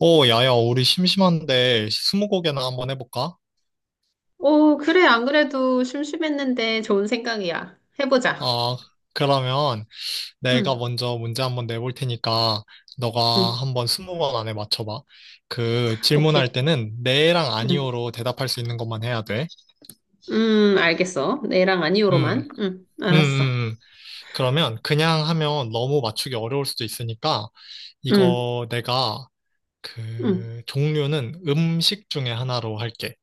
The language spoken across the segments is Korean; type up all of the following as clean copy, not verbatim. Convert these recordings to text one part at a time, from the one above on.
오, 야야, 우리 심심한데 스무고개나 한번 해볼까? 오, 그래. 안 그래도 심심했는데 좋은 생각이야. 해보자. 아, 그러면 내가 응, 먼저 문제 한번 내볼 테니까 너가 응. 한번 20번 안에 맞춰봐. 그 질문할 오케이. 때는 네랑 응, 아니오로 대답할 수 있는 것만 해야 돼. 알겠어. 네랑 음, 아니오로만. 응, 알았어. 음. 그러면 그냥 하면 너무 맞추기 어려울 수도 있으니까 응, 이거 내가 응. 그 종류는 음식 중에 하나로 할게.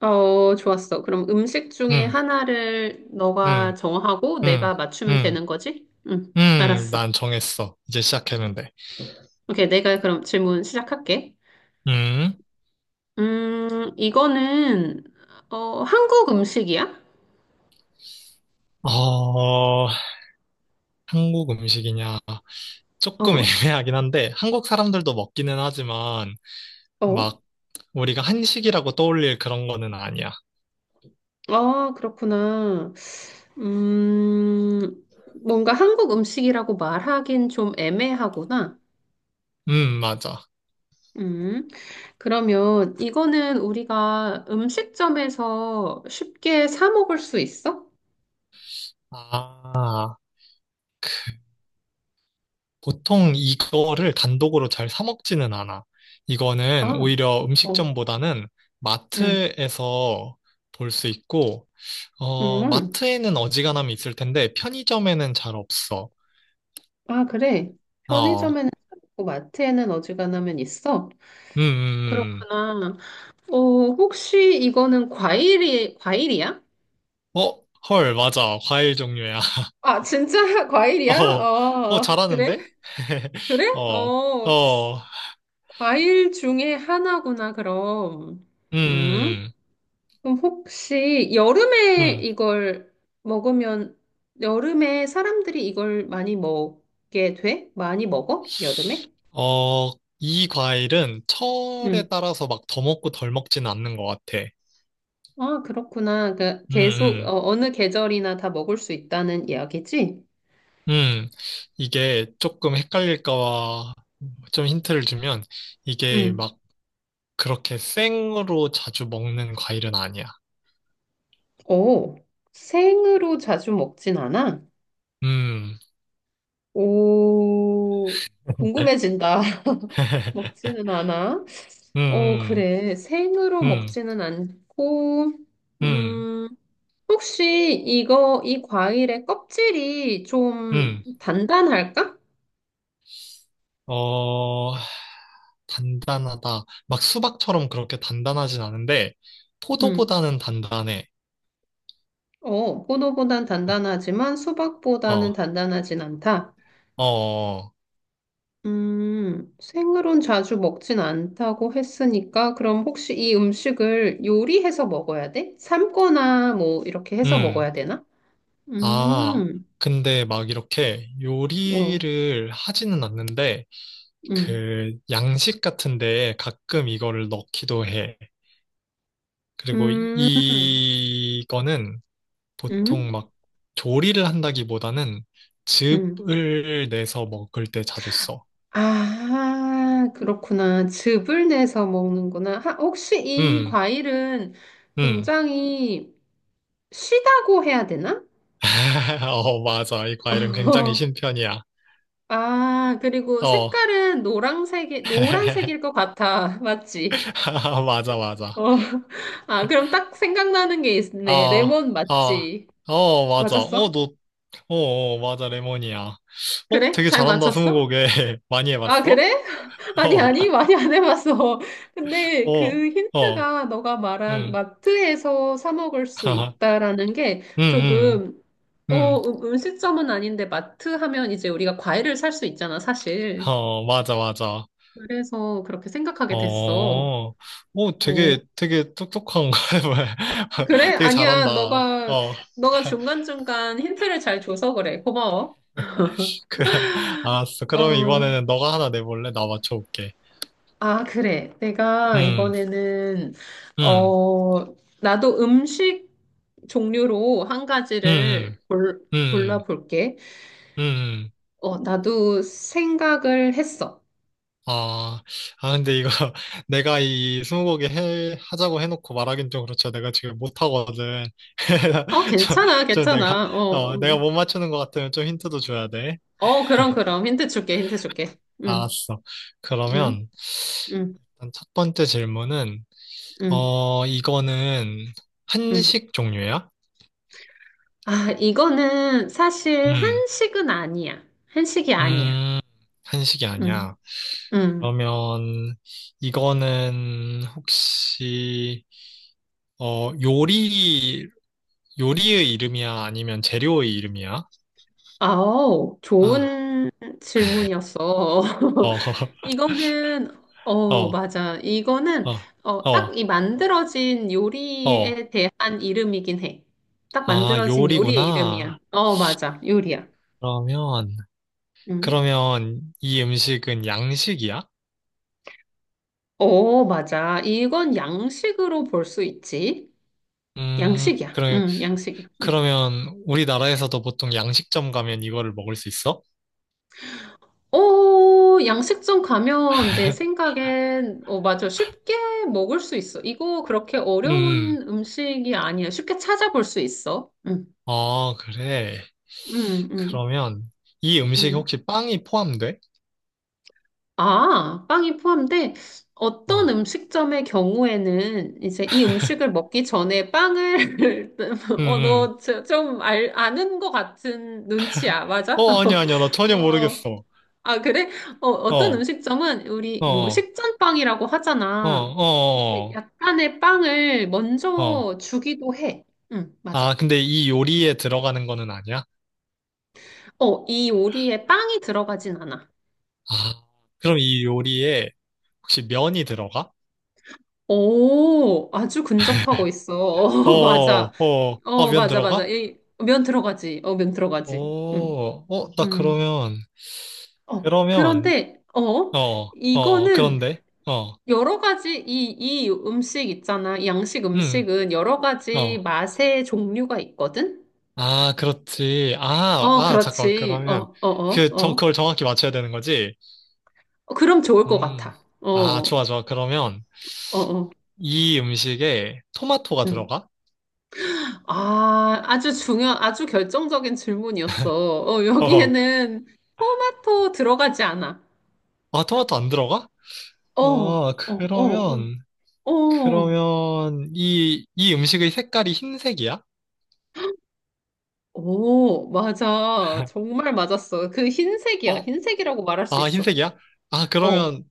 어, 좋았어. 그럼 음식 중에 음, 하나를 너가 음, 정하고 음, 내가 맞추면 음, 되는 거지? 응, 알았어. 난 정했어. 이제 시작했는데. 오케이. 내가 그럼 질문 시작할게. 음, 음, 이거는, 한국 음식이야? 어, 한국 음식이냐. 조금 어, 애매하긴 한데, 한국 사람들도 먹기는 하지만, 어. 막, 우리가 한식이라고 떠올릴 그런 거는 아니야. 아, 그렇구나. 음, 뭔가 한국 음식이라고 말하긴 좀 애매하구나. 맞아. 음, 그러면 이거는 우리가 음식점에서 쉽게 사 먹을 수 있어? 아, 보통 이거를 단독으로 잘 사 먹지는 않아. 이거는 아, 오히려 어, 음식점보다는 음, 마트에서 볼 수 있고, 음. 마트에는 어지간하면 있을 텐데, 편의점에는 잘 없어. 아, 그래. 어, 편의점에는 있고 마트에는 어지간하면 있어. 음, 음, 음. 그렇구나. 어, 혹시 이거는 과일이야? 어, 헐, 맞아. 과일 종류야. 아, 진짜 과일이야? 어, 어, 어, 그래? 잘하는데? 그래? 어, 어, 어, 과일 중에 하나구나, 그럼. 음? 음, 그럼 혹시 여름에 음. 이걸 먹으면, 여름에 사람들이 이걸 많이 먹게 돼? 많이 먹어? 여름에? 어, 이 과일은 철에 음. 따라서 막 더 먹고 덜 먹지는 않는 것 같아. 아, 그렇구나. 그 음, 계속, 음, 어, 느 계절이나 다 먹을 수 있다는 이야기지? 음. 이게 조금 헷갈릴까봐 좀 힌트를 주면 이게 음. 막 그렇게 생으로 자주 먹는 과일은 아니야. 오, 생으로 자주 먹진 않아? 음, 오, 궁금해진다. 먹지는 않아? 어, 음, 그래. 생으로 음, 먹지는 않고, 음, 음. 음, 혹시 이 과일의 껍질이 좀 음. 단단할까? 어, 단단하다. 막 수박처럼 그렇게 단단하진 않은데, 음, 포도보다는 단단해. 어, 포도보단 단단하지만 수박보다는 어, 단단하진 않다. 어, 어. 어. 생으론 자주 먹진 않다고 했으니까, 그럼 혹시 이 음식을 요리해서 먹어야 돼? 삶거나 뭐, 이렇게 해서 음. 먹어야 되나? 아, 음, 근데 막 이렇게 어, 요리를 하지는 않는데, 음, 그 양식 같은데 가끔 이거를 넣기도 해. 그리고 음, 이거는 보통 음, 막 조리를 한다기보다는 음. 즙을 내서 먹을 때 자주 써. 아, 그렇구나. 즙을 내서 먹는구나. 혹시 이 음, 과일은 음. 굉장히 시다고 해야 되나? 어, 맞아. 이 과일은 굉장히 신편이야. 아, 그리고 어. 색깔은 노란색일 것 같아. 맞지? 맞아, 맞아. 어. 아, 그럼 딱 생각나는 게 어, 있네. 레몬 어, 맞지? 어, 맞아. 어, 맞았어? 너, 어, 어, 맞아. 레몬이야. 어, 그래? 되게 잘 잘한다, 맞췄어? 스무고개. 많이 아, 해봤어? 그래? 어, 아니, 많이 안 해봤어. 근데 그 어, 어, 힌트가 너가 말한 응. 마트에서 사 먹을 수 있다라는 게 응, 응, 조금, 응. 음식점은 아닌데 마트 하면 이제 우리가 과일을 살 수 있잖아, 사실. 어, 맞아, 맞아. 그래서 그렇게 생각하게 됐어. 어, 오, 어, 되게, 되게 똑똑한 거야. 그래? 되게 아니야, 잘한다. 어. 너가 중간중간 힌트를 잘 줘서 그래. 고마워. 그래, 알았어. 그러면 어, 이번에는 너가 하나 내볼래? 나 맞춰볼게. 아, 그래. 음, 음, 어, 나도 음식 종류로 음, 음, 음, 골라볼게. 음. 어, 나도 생각을 했어. 아, 아, 근데 이거 내가 이 스무고개 하자고 해놓고 말하긴 좀 그렇죠. 내가 지금 못하거든. 어, 저, 괜찮아, 저 내가, 괜찮아. 어, 어, 내가 못 맞추는 것 같으면 좀 힌트도 줘야 돼. 어, 그럼, 그럼. 힌트 줄게, 힌트 줄게. 응, 알았어. 응, 그러면 응, 일단 첫 번째 질문은, 응, 이거는 응. 한식 종류야? 아, 이거는 사실 음, 한식은 아니야. 한식이 아니야. 음, 한식이 아니야. 응, 응. 그러면 이거는 혹시 어 요리 요리의 이름이야 아니면 재료의 이름이야? 아우, 아, 좋은 질문이었어. 어, 이거는 어 어, 맞아. 이거는 어, 어딱 어, 이 만들어진 어. 요리에 대한 이름이긴 해. 딱 아, 만들어진 요리의 요리구나. 이름이야. 어 맞아. 요리야. 그러면 음. 그러면 이 음식은 양식이야? 어 맞아. 이건 양식으로 볼 수 있지. 양식이야. 그래, 양식이야. 음. 그러면 우리나라에서도 보통 양식점 가면 이거를 먹을 수 있어? 어 양식점 가면 내 생각엔 어 맞아. 쉽게 먹을 수 있어. 이거 그렇게 음, 음. 어려운 음식이 아니야. 쉽게 찾아볼 수 있어. 음. 아, 그래. 음, 음, 그러면 이 음식에 음. 혹시 빵이 포함돼? 아, 빵이 포함돼? 어떤 어, 음식점의 경우에는 이제 이 음식을 먹기 전에 빵을, 응, 어, 응. 너 아는 것 같은 눈치야, 맞아? 어, 아니야, 아니야. 나 전혀 어, 모르겠어. 아, 그래? 어, 어, 어떤 어, 음식점은 우리 뭐 어, 식전빵이라고 어, 하잖아. 근데 어. 약간의 빵을 어. 어. 먼저 주기도 해. 응, 아, 맞아. 근데 이 요리에 들어가는 거는 아니야? 어, 이 요리에 빵이 들어가진 않아. 아, 그럼 이 요리에 혹시 면이 들어가? 오, 아주 근접하고 있어. 어, 어, 맞아. 어, 아, 어, 면 맞아. 들어가? 면 들어가지. 어, 면 들어가지. 응 오, 어, 나 음. 그러면, 어, 그러면, 그런데, 어, 이거는 그런데, 어, 이 음식 있잖아. 이 양식 음, 음식은 여러 가지 어. 맛의 종류가 있거든? 아, 그렇지. 아, 어, 아, 잠깐, 그렇지. 어, 그러면, 어, 어, 그, 정, 어. 그걸 정확히 맞춰야 되는 거지? 어, 그럼 좋을 것 음, 같아. 어, 아, 어, 좋아, 좋아. 그러면, 어. 이 음식에 토마토가 음. 들어가? 아, 아주 결정적인 질문이었어. 어, 어, 여기에는 토마토 들어가지 않아. 아, 토마토 안 들어가? 어, 어, 어, 어, 그러면, 어. 어. 그러면, 이 음식의 색깔이 흰색이야? 오, 맞아. 정말 맞았어. 그 흰색이야. 어, 흰색이라고 말할 수 아, 있어. 흰색이야? 아, 어, 그러면,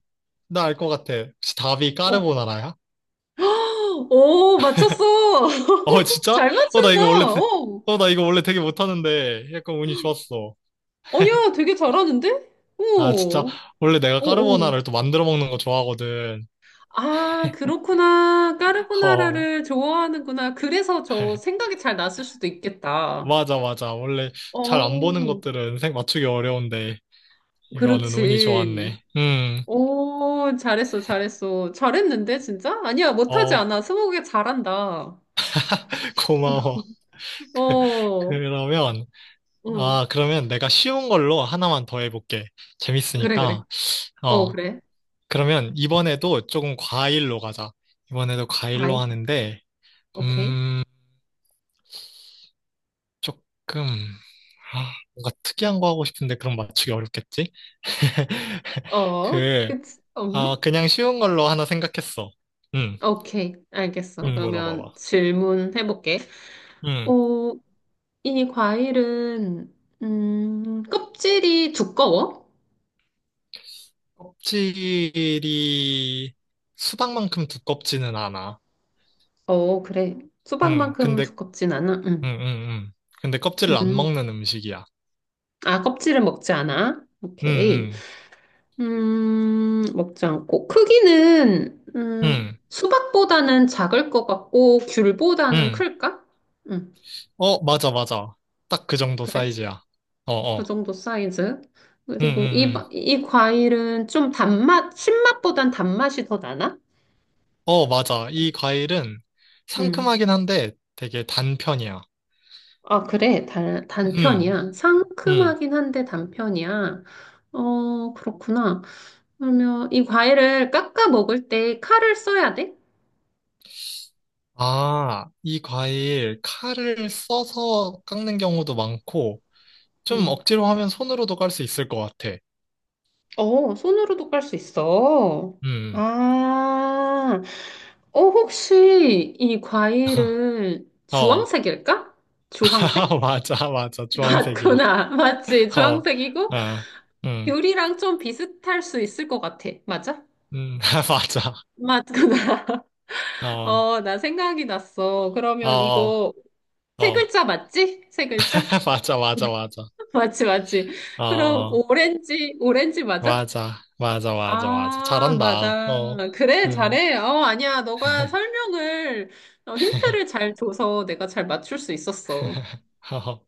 나 알 것 같아. 혹시 답이 어. 까르보나라야? 오, 맞췄어. 어, 진짜? 잘 어, 나 맞춘다. 이거 원래. 어. 어, 나 이거 원래 되게 못하는데, 약간 운이 좋았어. 아니야, 되게 잘하는데? 아, 진짜? 오, 원래 내가 오, 오. 까르보나라를 또 만들어 먹는 거 좋아하거든. 아, 그렇구나. 어, 까르보나라를 좋아하는구나. 그래서 저 생각이 잘 났을 수도 있겠다. 맞아, 맞아. 원래 잘 안 보는 어, 것들은 색 맞추기 어려운데. 이거는 운이 그렇지. 좋았네. 오, 잘했어. 잘했는데, 진짜? 아니야, 못하지 어, 않아. 스무고개 잘한다. 고마워. 그, 어, 그러면, 어, 그러면 내가 쉬운 걸로 하나만 더 해볼게. 그래, 그래. 재밌으니까. 어, 어, 그래. 그러면 이번에도 조금 과일로 가자. 이번에도 과일로 과일. 하는데, 오케이. 음, 조금, 아, 뭔가 특이한 거 하고 싶은데 그럼 맞추기 어렵겠지? 어, 그, 그치. 그냥 쉬운 걸로 하나 생각했어. 응, 오케이. 알겠어. 응, 그러면 물어봐봐. 질문 해볼게. 응. 어, 이 과일은, 껍질이 두꺼워? 껍질이 수박만큼 두껍지는 않아. 어, 그래. 응, 수박만큼 근데, 두껍진 않아? 응, 응. 응, 응. 근데 껍질을 안 음, 먹는 음식이야. 아, 껍질은 먹지 않아? 응, 오케이. 응, 먹지 않고. 크기는, 응, 수박보다는 작을 것 같고, 귤보다는 응. 클까? 음, 어, 맞아, 맞아. 딱 그 정도 그래. 사이즈야. 어, 그 어. 정도 사이즈. 응, 그리고 응, 응. 이 과일은 신맛보단 단맛이 더 나나? 어, 맞아. 이 과일은 음. 상큼하긴 한데 되게 단편이야. 아, 그래. 응, 단편이야. 응. 상큼하긴 한데 단편이야. 어, 그렇구나. 그러면 이 과일을 깎아 먹을 때 칼을 써야 돼? 아, 이 과일 칼을 써서 깎는 경우도 많고, 좀 응. 억지로 하면 손으로도 깔 수 있을 것 같아. 어, 손으로도 깔 수 있어. 음, 아, 어, 혹시 이 과일은 어. 주황색일까? 주황색? 맞아, 맞아. 주황색이야. 맞구나. 맞지. 어, 주황색이고, 어, 음, 귤이랑 좀 비슷할 수 있을 것 같아. 맞아? 음, 맞아. 맞구나. 어, 어, 나 생각이 났어. 어, 그러면 어, 이거 세 어. 글자 맞지? 세 글자? 맞아, 맞아, 맞아. 맞지, 맞지. 어, 그럼 어, 오렌지 맞아? 맞아, 맞아, 맞아, 맞아. 아, 잘한다. 맞아. 어, 그래, 음. 잘해. 어, 아니야. 힌트를 잘 줘서 내가 잘 맞출 수 있었어. 어,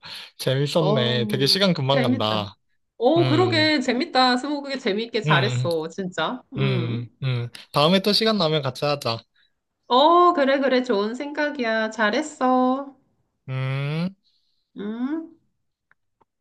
어, 재밌었네. 되게 시간 금방 재밌다. 간다. 어, 음, 그러게. 재밌다. 스무고개 재밌게 음, 잘했어. 진짜. 음. 다음에 또 시간 나면 같이 하자. 어, 그래, 그래. 좋은 생각이야. 잘했어. 음. 음.